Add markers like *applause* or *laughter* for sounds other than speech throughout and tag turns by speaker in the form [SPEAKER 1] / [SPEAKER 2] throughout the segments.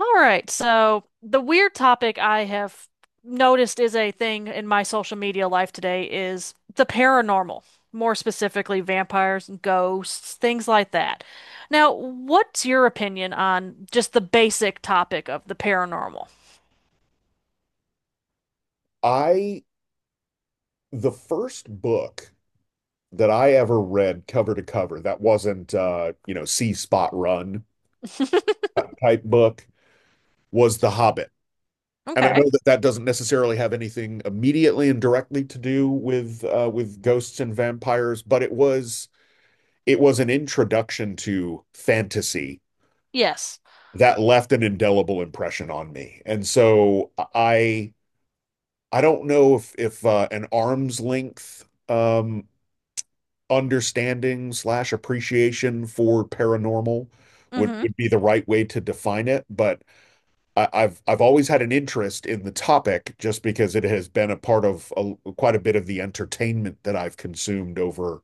[SPEAKER 1] All right, so the weird topic I have noticed is a thing in my social media life today is the paranormal, more specifically vampires and ghosts, things like that. Now, what's your opinion on just the basic topic of the paranormal?
[SPEAKER 2] I the first book that I ever read cover to cover that wasn't see spot run
[SPEAKER 1] *laughs*
[SPEAKER 2] type book was The Hobbit. And I
[SPEAKER 1] Okay.
[SPEAKER 2] know that that doesn't necessarily have anything immediately and directly to do with ghosts and vampires, but it was an introduction to fantasy
[SPEAKER 1] Yes.
[SPEAKER 2] that left an indelible impression on me. And so I don't know if an arm's length understanding slash appreciation for paranormal would,
[SPEAKER 1] Mm-hmm.
[SPEAKER 2] would be the right way to define it. But I've always had an interest in the topic just because it has been a part of quite a bit of the entertainment that I've consumed over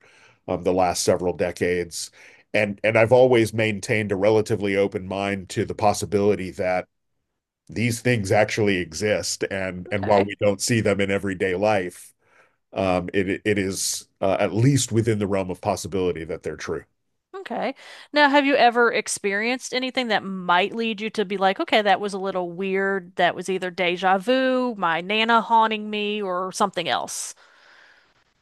[SPEAKER 2] the last several decades. And I've always maintained a relatively open mind to the possibility that these things actually exist. And while
[SPEAKER 1] Okay.
[SPEAKER 2] we don't see them in everyday life, it is at least within the realm of possibility that they're true.
[SPEAKER 1] Okay. Now, have you ever experienced anything that might lead you to be like, okay, that was a little weird. That was either deja vu, my Nana haunting me, or something else?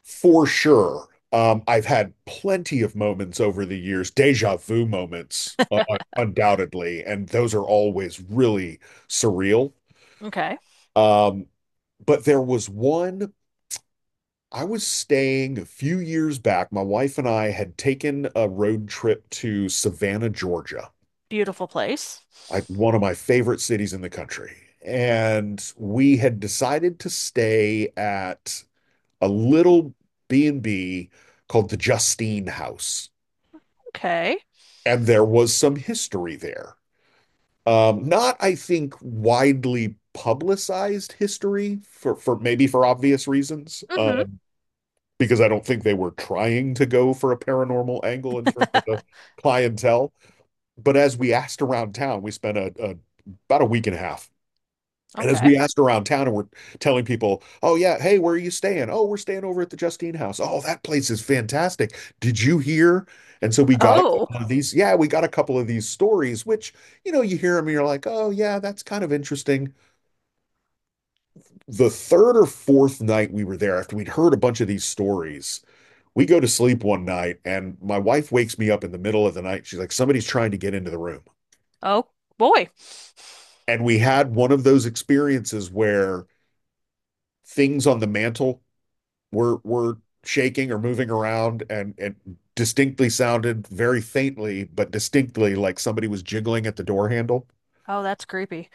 [SPEAKER 2] For sure. I've had plenty of moments over the years, déjà vu moments, undoubtedly, and those are always really surreal.
[SPEAKER 1] Okay.
[SPEAKER 2] Um, But there was I was staying a few years back. My wife and I had taken a road trip to Savannah, Georgia,
[SPEAKER 1] Beautiful place.
[SPEAKER 2] like one of my favorite cities in the country. And we had decided to stay at a little B&B called the Justine House.
[SPEAKER 1] Okay.
[SPEAKER 2] And there was some history there. Not, I think, widely publicized history for maybe for obvious reasons,
[SPEAKER 1] Mm-hmm.
[SPEAKER 2] because I don't think they were trying to go for a paranormal angle in terms of the
[SPEAKER 1] *laughs*
[SPEAKER 2] clientele. But as we asked around town, we spent a about a week and a half. And as
[SPEAKER 1] Okay.
[SPEAKER 2] we asked around town and we're telling people, oh, yeah, hey, where are you staying? Oh, we're staying over at the Justine House. Oh, that place is fantastic. Did you hear? And so we got a
[SPEAKER 1] Oh.
[SPEAKER 2] couple of these. Yeah, we got a couple of these stories, which, you know, you hear them and you're like, oh, yeah, that's kind of interesting. The third or fourth night we were there, after we'd heard a bunch of these stories, we go to sleep one night and my wife wakes me up in the middle of the night. She's like, somebody's trying to get into the room.
[SPEAKER 1] Oh boy.
[SPEAKER 2] And we had one of those experiences where things on the mantle were shaking or moving around, and it distinctly sounded very faintly, but distinctly, like somebody was jiggling at the door handle.
[SPEAKER 1] Oh, that's creepy.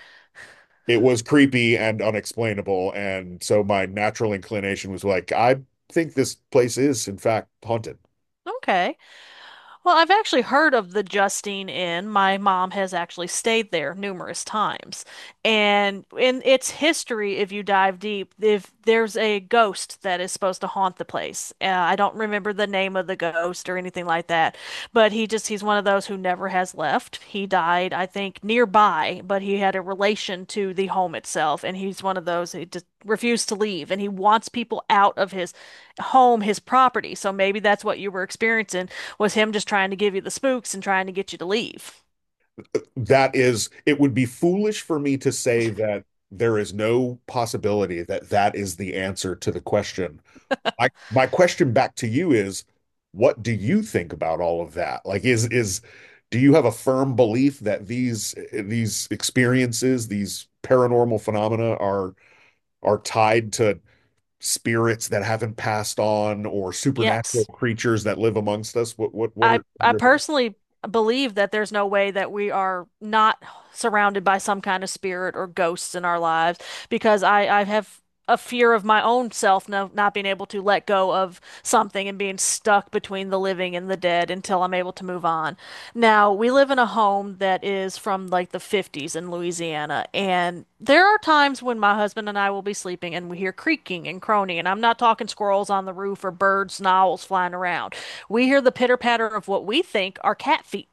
[SPEAKER 2] It was creepy and unexplainable. And so my natural inclination was like, I think this place is, in fact, haunted.
[SPEAKER 1] Okay. Well, I've actually heard of the Justine Inn. My mom has actually stayed there numerous times. And in its history, if you dive deep, if there's a ghost that is supposed to haunt the place. I don't remember the name of the ghost or anything like that, but he's one of those who never has left. He died, I think, nearby, but he had a relation to the home itself, and he's one of those who just refused to leave, and he wants people out of his home, his property. So maybe that's what you were experiencing was him just trying to give you the spooks and trying to get you to leave.
[SPEAKER 2] That is, it would be foolish for me to say that there is no possibility that that is the answer to the question. My question back to you is, what do you think about all of that? Like, is do you have a firm belief that these experiences, these paranormal phenomena are tied to spirits that haven't passed on or supernatural
[SPEAKER 1] Yes.
[SPEAKER 2] creatures that live amongst us? What
[SPEAKER 1] I
[SPEAKER 2] are
[SPEAKER 1] I
[SPEAKER 2] your thoughts?
[SPEAKER 1] personally believe that there's no way that we are not surrounded by some kind of spirit or ghosts in our lives because I have a fear of my own self, no, not being able to let go of something and being stuck between the living and the dead until I'm able to move on. Now, we live in a home that is from like the 50s in Louisiana, and there are times when my husband and I will be sleeping and we hear creaking and croning, and I'm not talking squirrels on the roof or birds and owls flying around. We hear the pitter patter of what we think are cat feet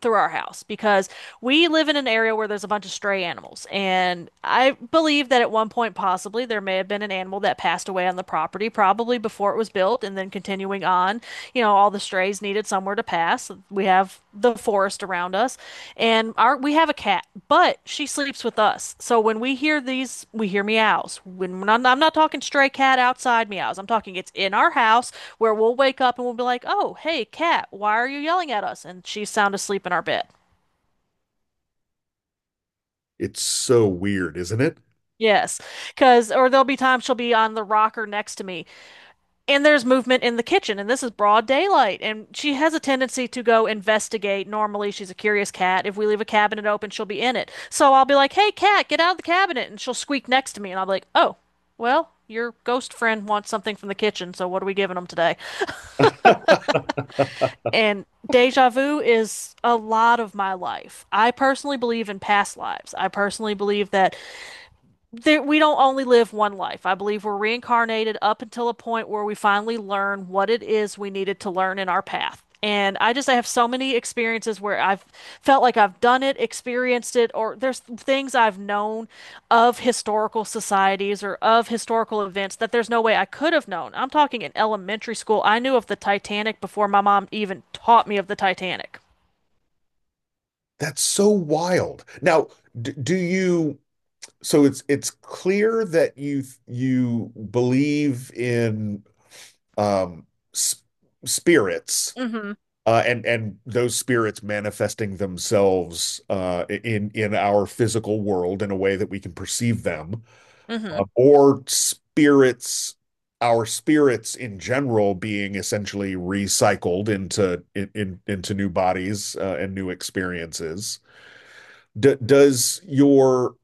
[SPEAKER 1] through our house because we live in an area where there's a bunch of stray animals. And I believe that at one point, possibly, there may have been an animal that passed away on the property, probably before it was built. And then continuing on, all the strays needed somewhere to pass. We have the forest around us, and our we have a cat, but she sleeps with us. So when we hear these, we hear meows when, when I'm not talking stray cat outside meows. I'm talking it's in our house, where we'll wake up and we'll be like, oh, hey cat, why are you yelling at us? And she's sound asleep in our bed.
[SPEAKER 2] It's so weird, isn't it?
[SPEAKER 1] Yes, because, or there'll be times she'll be on the rocker next to me. And there's movement in the kitchen, and this is broad daylight. And she has a tendency to go investigate. Normally, she's a curious cat. If we leave a cabinet open, she'll be in it. So I'll be like, hey, cat, get out of the cabinet. And she'll squeak next to me. And I'll be like, oh, well, your ghost friend wants something from the kitchen. So what are we giving them today? And deja vu is a lot of my life. I personally believe in past lives. I personally believe that there, we don't only live one life. I believe we're reincarnated up until a point where we finally learn what it is we needed to learn in our path. And I have so many experiences where I've felt like I've done it, experienced it, or there's things I've known of historical societies or of historical events that there's no way I could have known. I'm talking in elementary school. I knew of the Titanic before my mom even taught me of the Titanic.
[SPEAKER 2] That's so wild. Now, d do you so it's clear that you believe in um, s- spirits
[SPEAKER 1] Mm-hmm.
[SPEAKER 2] and those spirits manifesting themselves in our physical world in a way that we can perceive them,
[SPEAKER 1] Hmm.
[SPEAKER 2] or spirits, our spirits in general being essentially recycled into in into new bodies and new experiences. D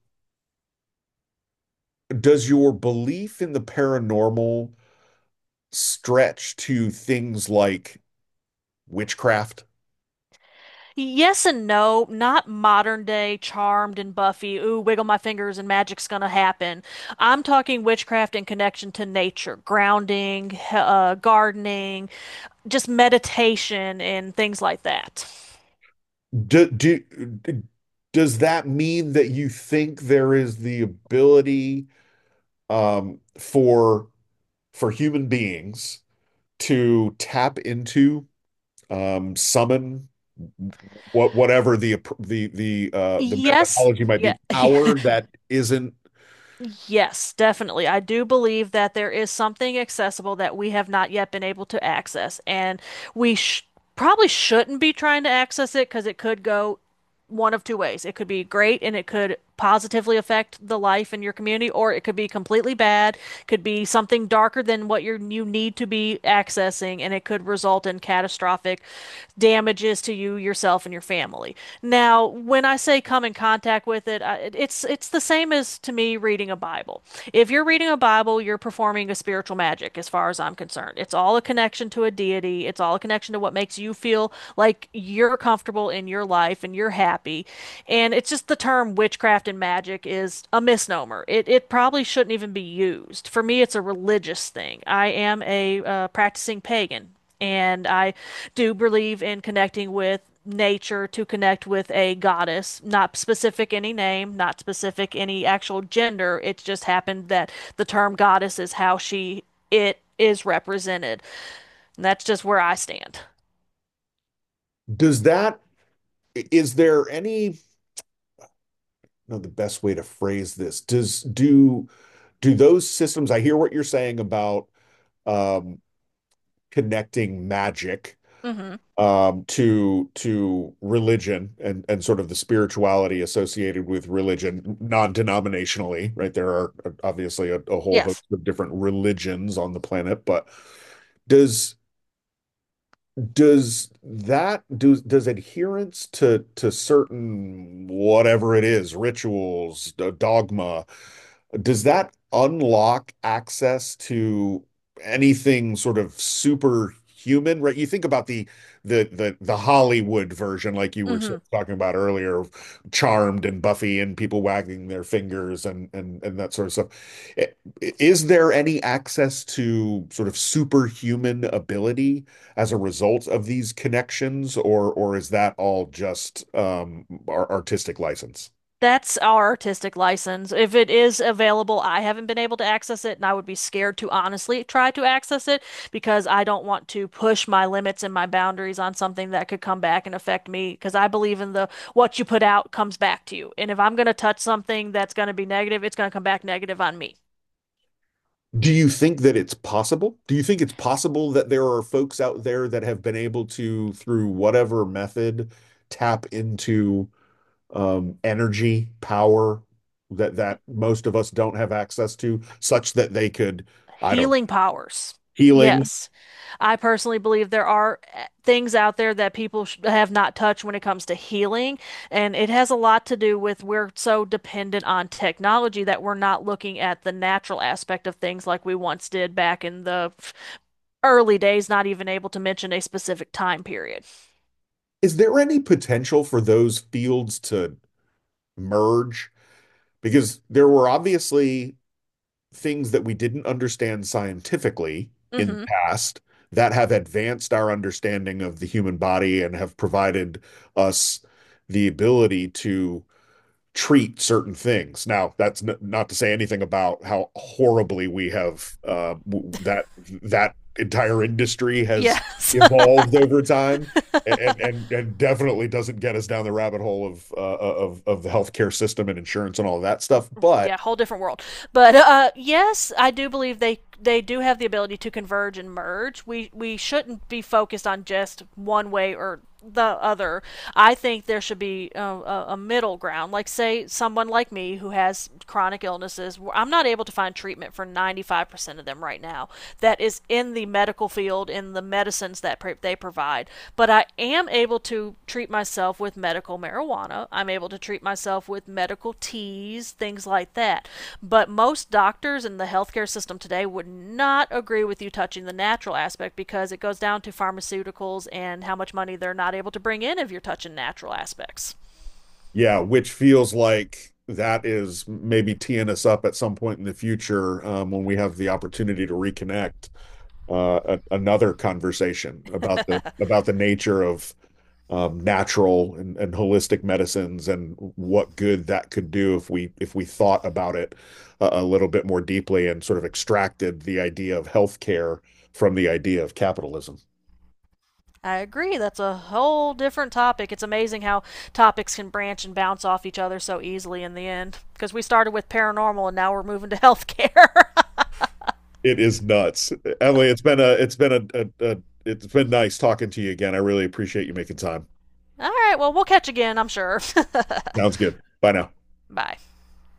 [SPEAKER 2] does your belief in the paranormal stretch to things like witchcraft?
[SPEAKER 1] Yes and no, not modern day Charmed and Buffy. Ooh, wiggle my fingers and magic's gonna happen. I'm talking witchcraft in connection to nature, grounding, gardening, just meditation and things like that.
[SPEAKER 2] Do, do, does that mean that you think there is the ability um, for for human beings to tap into summon whatever the
[SPEAKER 1] Yes,
[SPEAKER 2] methodology might
[SPEAKER 1] yeah,
[SPEAKER 2] be,
[SPEAKER 1] *laughs*
[SPEAKER 2] power that isn't.
[SPEAKER 1] yes, definitely. I do believe that there is something accessible that we have not yet been able to access, and we sh probably shouldn't be trying to access it because it could go one of two ways. It could be great and it could positively affect the life in your community, or it could be completely bad, could be something darker than what you need to be accessing, and it could result in catastrophic damages to you, yourself, and your family. Now, when I say come in contact with it, it's the same as to me reading a Bible. If you're reading a Bible, you're performing a spiritual magic, as far as I'm concerned. It's all a connection to a deity. It's all a connection to what makes you feel like you're comfortable in your life and you're happy. And it's just the term witchcraft and magic is a misnomer. It probably shouldn't even be used. For me, it's a religious thing. I am a practicing pagan, and I do believe in connecting with nature to connect with a goddess, not specific any name, not specific any actual gender. It just happened that the term goddess is how she it is represented. And that's just where I stand.
[SPEAKER 2] Does that, is there any, no, the best way to phrase this, does do those systems, I hear what you're saying about um, connecting magic
[SPEAKER 1] Hmm.
[SPEAKER 2] to religion and sort of the spirituality associated with religion non-denominationally, right? There are obviously a whole
[SPEAKER 1] Yes.
[SPEAKER 2] host of different religions on the planet, but does does that, do does adherence to certain whatever it is, rituals, dogma, does that unlock access to anything sort of superhuman? Right? You think about the Hollywood version, like you were
[SPEAKER 1] Hmm.
[SPEAKER 2] sort of talking about earlier, of Charmed and Buffy and people wagging their fingers, and that sort of stuff. I- Is there any access to sort of superhuman ability as a result of these connections, or is that all just our artistic license?
[SPEAKER 1] That's our artistic license. If it is available, I haven't been able to access it, and I would be scared to honestly try to access it because I don't want to push my limits and my boundaries on something that could come back and affect me. Because I believe in the what you put out comes back to you. And if I'm going to touch something that's going to be negative, it's going to come back negative on me.
[SPEAKER 2] Do you think that it's possible? Do you think it's possible that there are folks out there that have been able to, through whatever method, tap into energy, power that that most of us don't have access to, such that they could, I don't know,
[SPEAKER 1] Healing powers.
[SPEAKER 2] healing.
[SPEAKER 1] Yes. I personally believe there are things out there that people sh have not touched when it comes to healing, and it has a lot to do with we're so dependent on technology that we're not looking at the natural aspect of things like we once did back in the early days, not even able to mention a specific time period.
[SPEAKER 2] Is there any potential for those fields to merge? Because there were obviously things that we didn't understand scientifically in the
[SPEAKER 1] Hmm.
[SPEAKER 2] past that have advanced our understanding of the human body and have provided us the ability to treat certain things. Now, that's n not to say anything about how horribly we have that that entire industry has
[SPEAKER 1] Yes. *laughs*
[SPEAKER 2] evolved over time. And definitely doesn't get us down the rabbit hole of of the healthcare system and insurance and all of that stuff. But
[SPEAKER 1] Yeah, whole different world. But yes, I do believe they do have the ability to converge and merge. We shouldn't be focused on just one way or the other. I think there should be a middle ground. Like say someone like me who has chronic illnesses, I'm not able to find treatment for 95% of them right now. That is in the medical field in the medicines that they provide. But I am able to treat myself with medical marijuana. I'm able to treat myself with medical teas, things like that. But most doctors in the healthcare system today would not agree with you touching the natural aspect because it goes down to pharmaceuticals and how much money they're not able to bring in if you're touching natural aspects.
[SPEAKER 2] yeah, which feels like that is maybe teeing us up at some point in the future when we have the opportunity to reconnect another conversation about the nature of natural and holistic medicines and what good that could do if we thought about it a little bit more deeply and sort of extracted the idea of healthcare from the idea of capitalism.
[SPEAKER 1] I agree. That's a whole different topic. It's amazing how topics can branch and bounce off each other so easily in the end. Because we started with paranormal and now we're moving to healthcare. *laughs*
[SPEAKER 2] It is nuts. Emily, it's been a it's been nice talking to you again. I really appreciate you making time.
[SPEAKER 1] All right, well, we'll catch again, I'm sure.
[SPEAKER 2] Sounds good. Bye now.
[SPEAKER 1] *laughs* Bye.